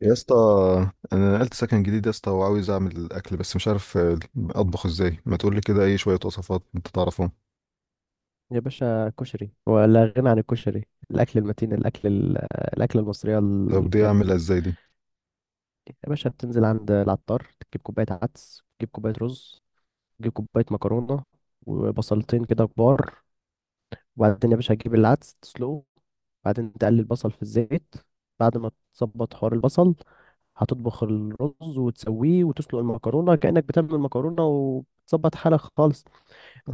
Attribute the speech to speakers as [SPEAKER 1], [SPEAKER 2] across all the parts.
[SPEAKER 1] يا اسطى، انا نقلت سكن جديد يا اسطى، وعاوز اعمل اكل بس مش عارف اطبخ ازاي. ما تقول لي كده اي شويه وصفات انت تعرفهم؟
[SPEAKER 2] يا باشا كشري ولا غنى عن الكشري. الاكل المتين، الاكله المصريه
[SPEAKER 1] طب دي
[SPEAKER 2] الجامده
[SPEAKER 1] اعملها
[SPEAKER 2] دي.
[SPEAKER 1] ازاي دي؟
[SPEAKER 2] يا باشا بتنزل عند العطار، تجيب كوبايه عدس، تجيب كوبايه رز، تجيب كوبايه مكرونه، وبصلتين كده كبار. وبعدين يا باشا تجيب العدس تسلقه، وبعدين تقلي البصل في الزيت. بعد ما تظبط حوار البصل، هتطبخ الرز وتسويه، وتسلق المكرونه كأنك بتعمل المكرونه وتظبط حالك خالص.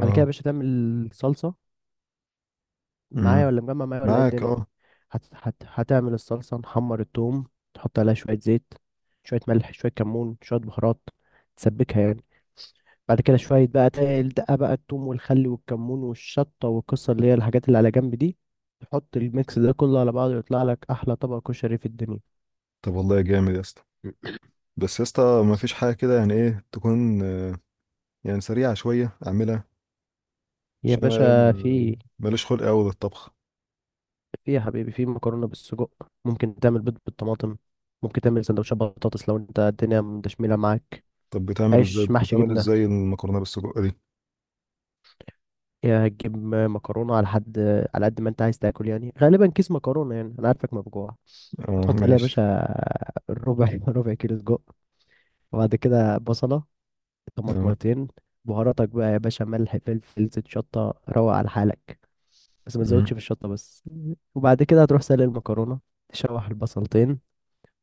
[SPEAKER 2] بعد كده يا باشا تعمل صلصه. معايا
[SPEAKER 1] امم.
[SPEAKER 2] ولا مجمع؟ معايا ولا ايه
[SPEAKER 1] معاك
[SPEAKER 2] الدنيا؟
[SPEAKER 1] اه.
[SPEAKER 2] هتعمل الصلصة، نحمر التوم، تحط عليها شوية زيت، شوية ملح، شوية كمون، شوية بهارات، تسبكها يعني. بعد كده شوية بقى الدقة بقى، التوم والخل والكمون والشطة والقصة، اللي هي الحاجات اللي على جنب دي. تحط الميكس ده كله على بعضه، يطلع لك أحلى طبق كشري في الدنيا.
[SPEAKER 1] طب والله جامد يا اسطى. بس يا اسطى ما فيش حاجه كده، يعني ايه تكون يعني سريعه شويه اعملها؟
[SPEAKER 2] يا
[SPEAKER 1] عشان انا
[SPEAKER 2] باشا في
[SPEAKER 1] ماليش خلق قوي للطبخ.
[SPEAKER 2] في يا حبيبي في مكرونة بالسجق، ممكن تعمل بيض بالطماطم، ممكن تعمل سندوتشات بطاطس لو انت الدنيا مدشملة معاك.
[SPEAKER 1] طب
[SPEAKER 2] عيش محشي
[SPEAKER 1] بتعمل
[SPEAKER 2] جبنة.
[SPEAKER 1] ازاي المكرونه بالسجق دي؟
[SPEAKER 2] يا هتجيب مكرونة على حد، على قد ما انت عايز تاكل، يعني غالبا كيس مكرونة، يعني انا عارفك ما بجوع.
[SPEAKER 1] اه
[SPEAKER 2] هتحط عليها يا
[SPEAKER 1] ماشي.
[SPEAKER 2] باشا ربع ربع كيلو سجق، وبعد كده بصلة،
[SPEAKER 1] اه.
[SPEAKER 2] طماطميتين، بهاراتك بقى يا باشا، ملح، فلفل، زيت، شطة، روق على حالك، بس ما تزودش
[SPEAKER 1] امم.
[SPEAKER 2] في الشطة بس. وبعد كده هتروح سلق المكرونة، تشوح البصلتين،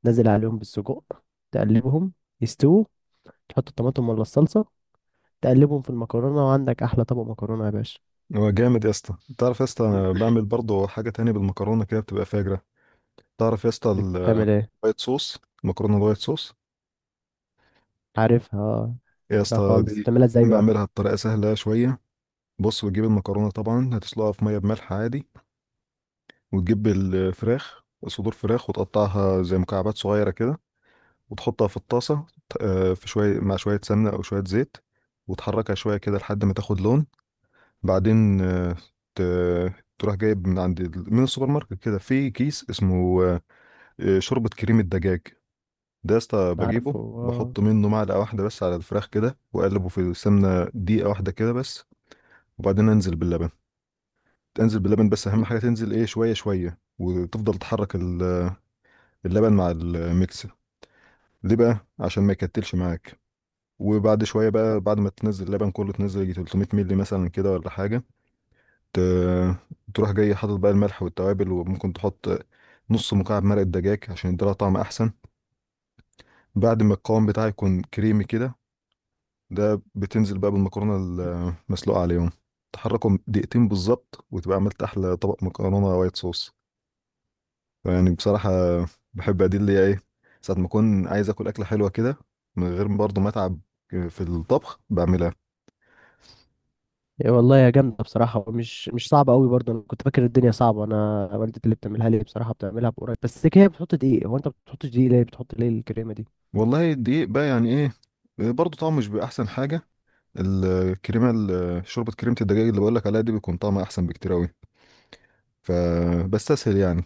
[SPEAKER 2] نزل عليهم بالسجق، تقلبهم، يستووا، تحط الطماطم ولا الصلصة، تقلبهم في المكرونة، وعندك أحلى طبق مكرونة يا باشا.
[SPEAKER 1] هو جامد يا اسطى. تعرف يا اسطى أنا بعمل برضه حاجه تانية بالمكرونه كده بتبقى فاجره. تعرف يا اسطى
[SPEAKER 2] بتعمل ايه؟
[SPEAKER 1] الوايت صوص المكرونه الوايت صوص.
[SPEAKER 2] عارفها، اه.
[SPEAKER 1] يا
[SPEAKER 2] بقى
[SPEAKER 1] اسطى،
[SPEAKER 2] خالص،
[SPEAKER 1] دي
[SPEAKER 2] بتعملها ازاي
[SPEAKER 1] دايما
[SPEAKER 2] بقى؟
[SPEAKER 1] بعملها بطريقه سهله شويه. بص، بتجيب المكرونه طبعا هتسلقها في ميه بملح عادي، وتجيب صدور فراخ وتقطعها زي مكعبات صغيره كده، وتحطها في الطاسه، في شويه مع شويه سمنه او شويه زيت، وتحركها شويه كده لحد ما تاخد لون. بعدين ت- تروح جايب من من السوبر ماركت كده في كيس اسمه شوربه كريمه دجاج. ده يا اسطى بجيبه،
[SPEAKER 2] عارفه اه.
[SPEAKER 1] بحط منه معلقة واحدة بس على الفراخ كده، وأقلبه في السمنة دقيقة واحدة كده بس. وبعدين أنزل باللبن تنزل باللبن. بس أهم حاجة تنزل إيه، شوية شوية وتفضل تحرك اللبن مع الميكس. ليه بقى؟ عشان ما يكتلش معاك. وبعد شوية بقى، بعد ما تنزل اللبن كله، تنزل يجي 300 مللي مثلا كده ولا حاجة. ت- تروح جاي حاطط بقى الملح والتوابل، وممكن تحط نص مكعب مرق الدجاج عشان يديلها طعم أحسن. بعد ما القوام بتاعه يكون كريمي كده، ده بتنزل بقى بالمكرونه المسلوقه عليهم، تحركهم دقيقتين بالظبط، وتبقى عملت احلى طبق مكرونه وايت صوص. يعني بصراحه بحب ادي اللي هي ايه، ساعه ما اكون عايز اكل اكله حلوه كده من غير برضه ما اتعب في الطبخ بعملها.
[SPEAKER 2] يا والله يا جامدة بصراحة، ومش مش صعبة قوي برضه. أنا كنت فاكر الدنيا صعبة. أنا والدتي اللي بتعملها لي بصراحة، بتعملها بقريب، بس هي بتحط دقيق. هو أنت ما بتحطش دقيق ليه؟ بتحط ليه الكريمة دي؟
[SPEAKER 1] والله الدقيق بقى يعني ايه، برضه طعمه مش بيبقى احسن حاجه. شوربه كريمه الدجاج اللي بقول لك عليها دي بيكون طعمها احسن بكتير قوي. فبستسهل يعني.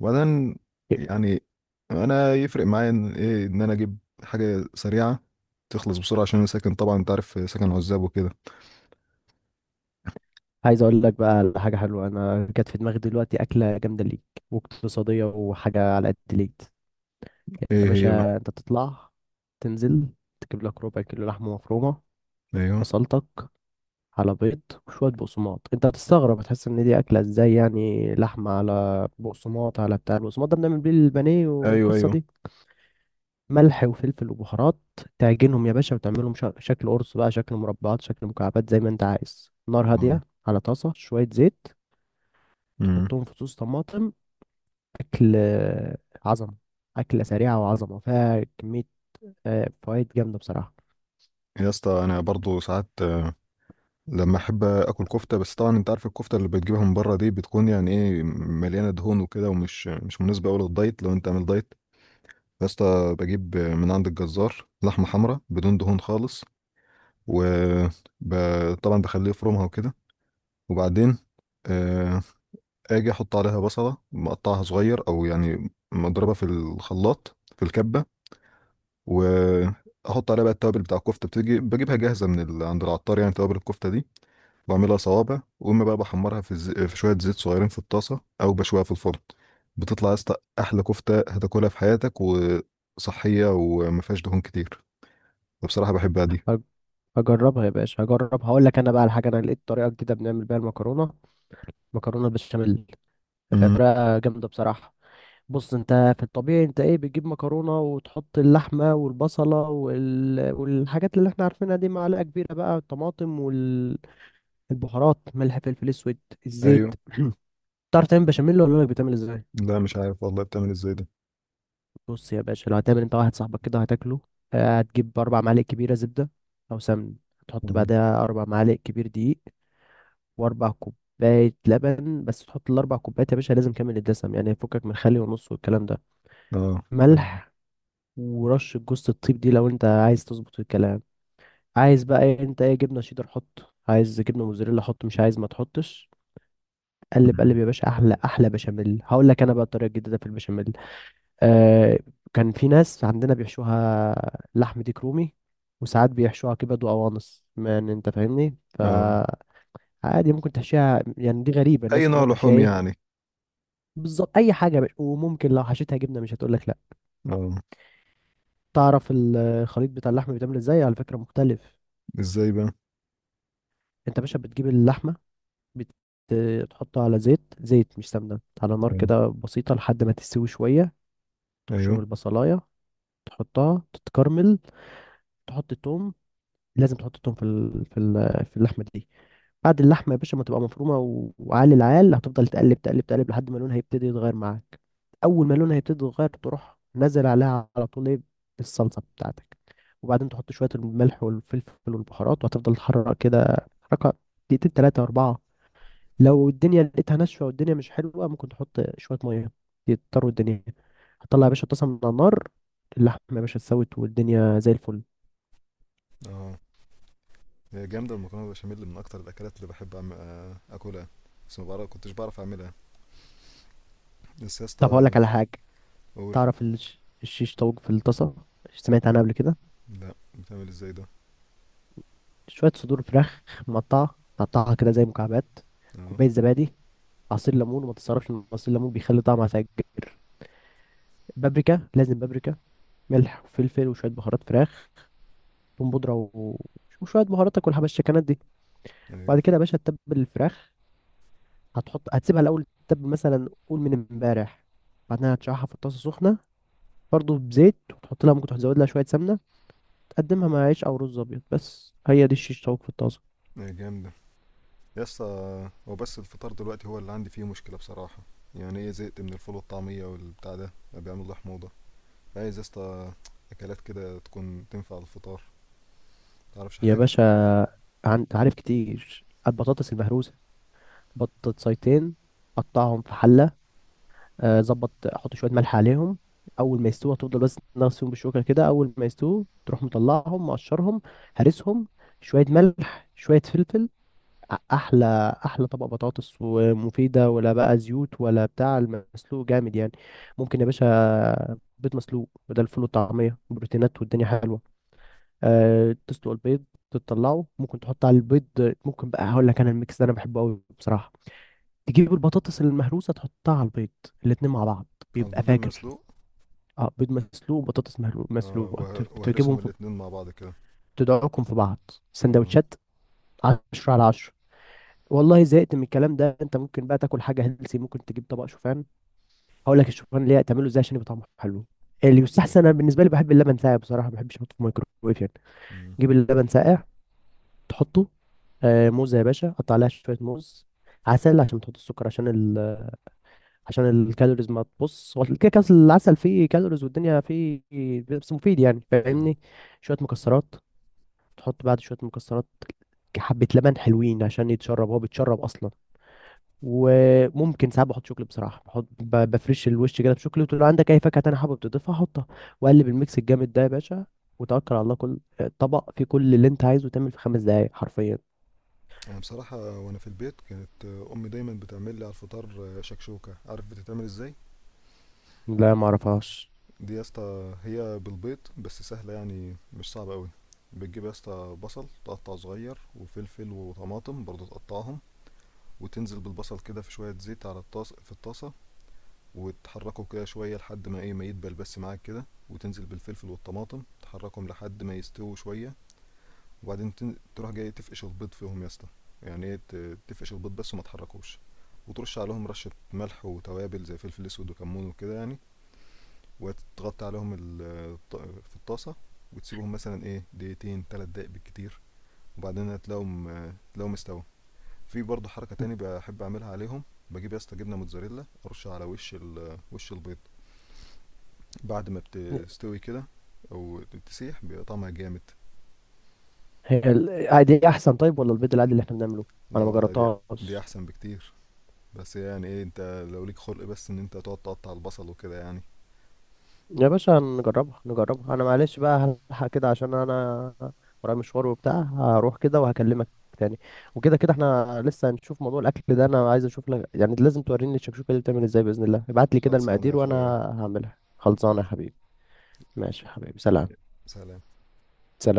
[SPEAKER 1] وبعدين يعني، انا يفرق معايا ان ايه، ان انا اجيب حاجه سريعه تخلص بسرعه، عشان انا ساكن طبعا انت عارف، ساكن عزاب وكده.
[SPEAKER 2] عايز أقول لك بقى على حاجة حلوة، أنا جت في دماغي دلوقتي أكلة جامدة ليك، واقتصادية، وحاجة على قد ليك. يا
[SPEAKER 1] ايه هي بقى؟
[SPEAKER 2] باشا، أنت تطلع تنزل تجيب لك ربع كيلو لحمة مفرومة،
[SPEAKER 1] ايوه،
[SPEAKER 2] بصلتك، على بيض، وشوية بقسماط. انت هتستغرب، هتحس ان دي اكلة ازاي؟ يعني لحمة على بقسماط، على بتاع البقسماط ده بنعمل بيه البانيه
[SPEAKER 1] ايوه،
[SPEAKER 2] والقصة
[SPEAKER 1] ايوه.
[SPEAKER 2] دي. ملح وفلفل وبهارات، تعجنهم يا باشا، وتعملهم شكل قرص بقى، شكل مربعات، شكل مكعبات، زي ما انت عايز. نار
[SPEAKER 1] اه.
[SPEAKER 2] هادية، على طاسة شوية زيت،
[SPEAKER 1] امم.
[SPEAKER 2] تحطهم في صوص طماطم. اكل، آه، عظمة. أكلة سريعة وعظمة، فيها كمية، آه، فوائد جامدة بصراحة.
[SPEAKER 1] يا اسطى انا برضو ساعات لما احب اكل كفته. بس طبعا انت عارف الكفته اللي بتجيبها من بره دي بتكون يعني ايه مليانه دهون وكده، ومش مش مناسبه قوي للدايت لو انت عامل دايت. يا اسطى بجيب من عند الجزار لحمه حمراء بدون دهون خالص، وطبعا بخليه يفرمها وكده. وبعدين آه، اجي احط عليها بصلة مقطعها صغير، او يعني مضربة في الخلاط في الكبة. واحط عليها بقى التوابل بتاع الكفتة، بتيجي بجيبها جاهزة عند العطار، يعني توابل الكفتة دي. بعملها صوابع، واما بقى بحمرها في شوية زيت صغيرين في الطاسة، او بشويها في الفرن. بتطلع يا اسطى احلى كفتة هتاكلها في حياتك، وصحية وما فيهاش دهون كتير. فبصراحة بحبها دي.
[SPEAKER 2] هج- هجربها يا باشا، هجرب، هقول لك. انا بقى الحاجة، انا لقيت طريقة جديدة بنعمل بيها المكرونة، مكرونة بالبشاميل. هي
[SPEAKER 1] امم.
[SPEAKER 2] طريقة جامدة بصراحة. بص، انت في الطبيعي انت ايه، بتجيب مكرونة وتحط اللحمة والبصلة والحاجات اللي احنا عارفينها دي، معلقة كبيرة بقى الطماطم والبهارات، ملح، فلفل اسود، الزيت.
[SPEAKER 1] ايوه.
[SPEAKER 2] تعرف تعمل بشاميل ولا لك؟ بتعمل ازاي؟
[SPEAKER 1] لا مش عارف والله، بتعمل ازاي ده؟
[SPEAKER 2] بص يا باشا، لو هتعمل انت واحد صاحبك كده هتاكله، اه، هتجيب اربع معالق كبيرة زبدة او سمن، تحط
[SPEAKER 1] مم.
[SPEAKER 2] بعدها اربع معالق كبير دقيق، واربع كوباية لبن. بس تحط الاربع كوبايات يا باشا لازم كامل الدسم، يعني فكك من خلي ونص والكلام ده.
[SPEAKER 1] اه. تمام.
[SPEAKER 2] ملح، ورشة جوزة الطيب دي لو انت عايز تظبط الكلام. عايز بقى ايه انت؟ ايه، جبنة شيدر حط، عايز جبنة موزاريلا حط، مش عايز ما تحطش. قلب قلب
[SPEAKER 1] مم.
[SPEAKER 2] يا باشا، احلى احلى بشاميل. هقول لك انا بقى الطريقة الجديدة في البشاميل. آه، كان في ناس عندنا بيحشوها لحم ديك رومي، وساعات بيحشوها كبد وقوانص، يعني انت فاهمني. ف
[SPEAKER 1] اه.
[SPEAKER 2] عادي ممكن تحشيها، يعني دي غريبة،
[SPEAKER 1] اي
[SPEAKER 2] الناس كلها
[SPEAKER 1] نوع
[SPEAKER 2] بتحشيها
[SPEAKER 1] لحوم
[SPEAKER 2] ايه؟
[SPEAKER 1] يعني؟
[SPEAKER 2] بالظبط، اي حاجة يا باشا. وممكن لو حشيتها جبنة مش هتقول لك لا.
[SPEAKER 1] اه.
[SPEAKER 2] تعرف الخليط بتاع اللحم بيتعمل ازاي؟ على فكرة مختلف.
[SPEAKER 1] ازاي بقى؟
[SPEAKER 2] انت يا باشا بتجيب اللحمه، بتحطها على زيت، زيت مش سمنه، على نار
[SPEAKER 1] ايوه،
[SPEAKER 2] كده بسيطه لحد ما تستوي شويه. تبشر
[SPEAKER 1] ايوه.
[SPEAKER 2] البصلايه، تحطها تتكرمل، تحط توم، لازم تحط توم في في اللحمه دي. بعد اللحمه يا باشا ما تبقى مفرومه وعالي العال، هتفضل تقلب تقلب تقلب لحد ما لونها يبتدي يتغير معاك. اول ما لونها يبتدي يتغير، تروح نزل عليها على طول ايه؟ الصلصه بتاعتك. وبعدين تحط شويه الملح والفلفل والبهارات، وهتفضل تحرك كده حركه دقيقتين تلاتة أربعة. لو الدنيا لقيتها ناشفه والدنيا مش حلوه، ممكن تحط شويه ميه يضطروا الدنيا. هتطلع يا باشا الطاسه من على النار، اللحمه يا باشا اتسوت والدنيا زي الفل.
[SPEAKER 1] اه. هي جامده المكرونه بشاميل، من اكتر الاكلات اللي بحب أعم... آه، اكلها. بس ما بعرف كنتش بعرف اعملها. بس يا
[SPEAKER 2] طب هقول
[SPEAKER 1] اسطى،
[SPEAKER 2] لك على حاجه.
[SPEAKER 1] اقول.
[SPEAKER 2] تعرف الشيش طاووق في الطاسه؟ سمعت عنها قبل كده؟
[SPEAKER 1] لا، بتعمل ازاي ده؟
[SPEAKER 2] شويه صدور فراخ مقطعه، تقطعها كده زي مكعبات،
[SPEAKER 1] اه.
[SPEAKER 2] كوبايه زبادي، عصير ليمون، وما تتصرفش ان عصير الليمون بيخلي طعمها فاجر. بابريكا، لازم بابريكا، ملح وفلفل وشويه بهارات فراخ، ثوم بودره وشويه بهاراتك والحبشتكنات دي.
[SPEAKER 1] ايوه.
[SPEAKER 2] وبعد كده يا باشا تتبل الفراخ. هتسيبها الاول تتبل، مثلا قول من امبارح. بعدها هتشرحها في الطاسه سخنه، برضه بزيت، وتحط لها ممكن تزود لها شويه سمنه. تقدمها مع عيش او رز ابيض. بس هي دي الشيش طاووق في الطاسه.
[SPEAKER 1] هي جامده. يا اسطى، هو بس الفطار دلوقتي هو اللي عندي فيه مشكله بصراحه. يعني ايه، زهقت من الفول والطعميه والبتاع ده، بقى بيعمل لي حموضه. عايز يا اسطى اكلات كده تكون تنفع على الفطار. تعرفش
[SPEAKER 2] يا
[SPEAKER 1] حاجه؟
[SPEAKER 2] باشا، عارف كتير البطاطس المهروسه؟ بطاطسيتين، قطعهم في حله، آه، ظبط، احط شويه ملح عليهم. اول ما يستووا هتفضل بس تغسل فيهم بالشوكه كده، اول ما يستووا تروح مطلعهم، مقشرهم، هرسهم، شويه ملح، شويه فلفل، احلى احلى طبق بطاطس، ومفيده، ولا بقى زيوت ولا بتاع، المسلوق جامد يعني. ممكن يا باشا بيض مسلوق بدل الفول والطعميه، بروتينات والدنيا حلوه. أه، تسلق البيض، تطلعه، ممكن تحط على البيض، ممكن بقى، هقول لك انا الميكس ده انا بحبه قوي بصراحه. تجيب البطاطس المهروسه، تحطها على البيض، الاتنين مع بعض،
[SPEAKER 1] على
[SPEAKER 2] بيبقى
[SPEAKER 1] البيض
[SPEAKER 2] فاجر.
[SPEAKER 1] المسلوق؟
[SPEAKER 2] اه، بيض مسلوق وبطاطس مسلوقه، تجيبهم
[SPEAKER 1] وهرسهم
[SPEAKER 2] في،
[SPEAKER 1] الاتنين مع بعض كده.
[SPEAKER 2] تدعوكم في بعض،
[SPEAKER 1] اه.
[SPEAKER 2] سندوتشات، 10 على 10. والله زهقت من الكلام ده. انت ممكن بقى تاكل حاجه هيلسي، ممكن تجيب طبق شوفان. هقول لك الشوفان ليه، تعمله ازاي عشان يبقى طعمه حلو. اللي
[SPEAKER 1] ازاي
[SPEAKER 2] يستحسن،
[SPEAKER 1] بقى؟
[SPEAKER 2] انا بالنسبه لي بحب اللبن ساقع بصراحه، ما بحبش احطه في الميكروويف يعني.
[SPEAKER 1] مم.
[SPEAKER 2] جيب اللبن ساقع، تحطه، آه موزه يا باشا، قطع عليها شويه موز، عسل عشان تحط السكر عشان عشان الكالوريز. ما تبص، هو كده كده العسل فيه كالوريز والدنيا فيه، بس مفيد يعني،
[SPEAKER 1] اه.
[SPEAKER 2] فاهمني. شويه مكسرات، تحط بعد شويه مكسرات، حبه لبن حلوين عشان يتشرب، هو بيتشرب اصلا. وممكن ساعات بحط شوكليت بصراحه، بحط بفرش الوش كده بشوكليت، ولو عندك اي فاكهه تانية حابب تضيفها حطها، واقلب الميكس الجامد ده يا باشا، وتوكل على الله. كل طبق فيه كل اللي انت عايزه، تعمل في خمس دقايق حرفيا.
[SPEAKER 1] انا بصراحه وانا في البيت كانت امي دايما بتعمل لي على الفطار شكشوكه، عارف بتتعمل ازاي؟
[SPEAKER 2] لا، ما اعرفهاش.
[SPEAKER 1] دي يا اسطى هي بالبيض بس، سهله يعني مش صعبه قوي. بتجيب يا اسطى بصل تقطع صغير، وفلفل وطماطم برضه تقطعهم. وتنزل بالبصل كده في شويه زيت على الطاس في الطاسه، وتحركه كده شويه لحد ما ايه، ما يدبل بس معاك كده. وتنزل بالفلفل والطماطم تحركهم لحد ما يستووا شويه. وبعدين تروح جاي تفقش البيض فيهم يا اسطى. يعني ايه تفقش البيض بس، وما تحركوش. وترش عليهم رشة ملح وتوابل زي فلفل اسود وكمون وكده يعني. وتغطي عليهم الط- في الطاسة، وتسيبهم مثلا ايه دقيقتين تلات دقايق بالكتير. وبعدين هتلاقيهم تلاقيهم استوى. في برضه حركة تاني بحب اعملها عليهم. بجيب يا اسطى جبنة موتزاريلا، ارش على وش البيض بعد ما بتستوي كده، او تسيح بيبقى طعمها جامد.
[SPEAKER 2] هي آه، دي احسن طيب ولا البيض العادي اللي احنا بنعمله؟
[SPEAKER 1] لا
[SPEAKER 2] انا ما
[SPEAKER 1] والله، دي
[SPEAKER 2] جربتهاش.
[SPEAKER 1] احسن بكتير. بس يعني ايه انت، لو ليك خلق بس ان انت تقعد تقطع البصل وكده يعني.
[SPEAKER 2] يا باشا نجربها نجربها. انا معلش بقى هلحق كده، عشان انا ورايا مشوار وبتاع، هروح كده وهكلمك تاني. وكده كده احنا لسه هنشوف موضوع الاكل ده، انا عايز اشوف لك، يعني لازم توريني الشكشوكه دي بتعمل ازاي باذن الله. ابعت لي كده
[SPEAKER 1] خلصانه يا
[SPEAKER 2] المقادير وانا
[SPEAKER 1] اخويا.
[SPEAKER 2] هعملها. خلصانه
[SPEAKER 1] خلص.
[SPEAKER 2] يا حبيبي. ماشي يا حبيبي، سلام.
[SPEAKER 1] سلام.
[SPEAKER 2] سلام.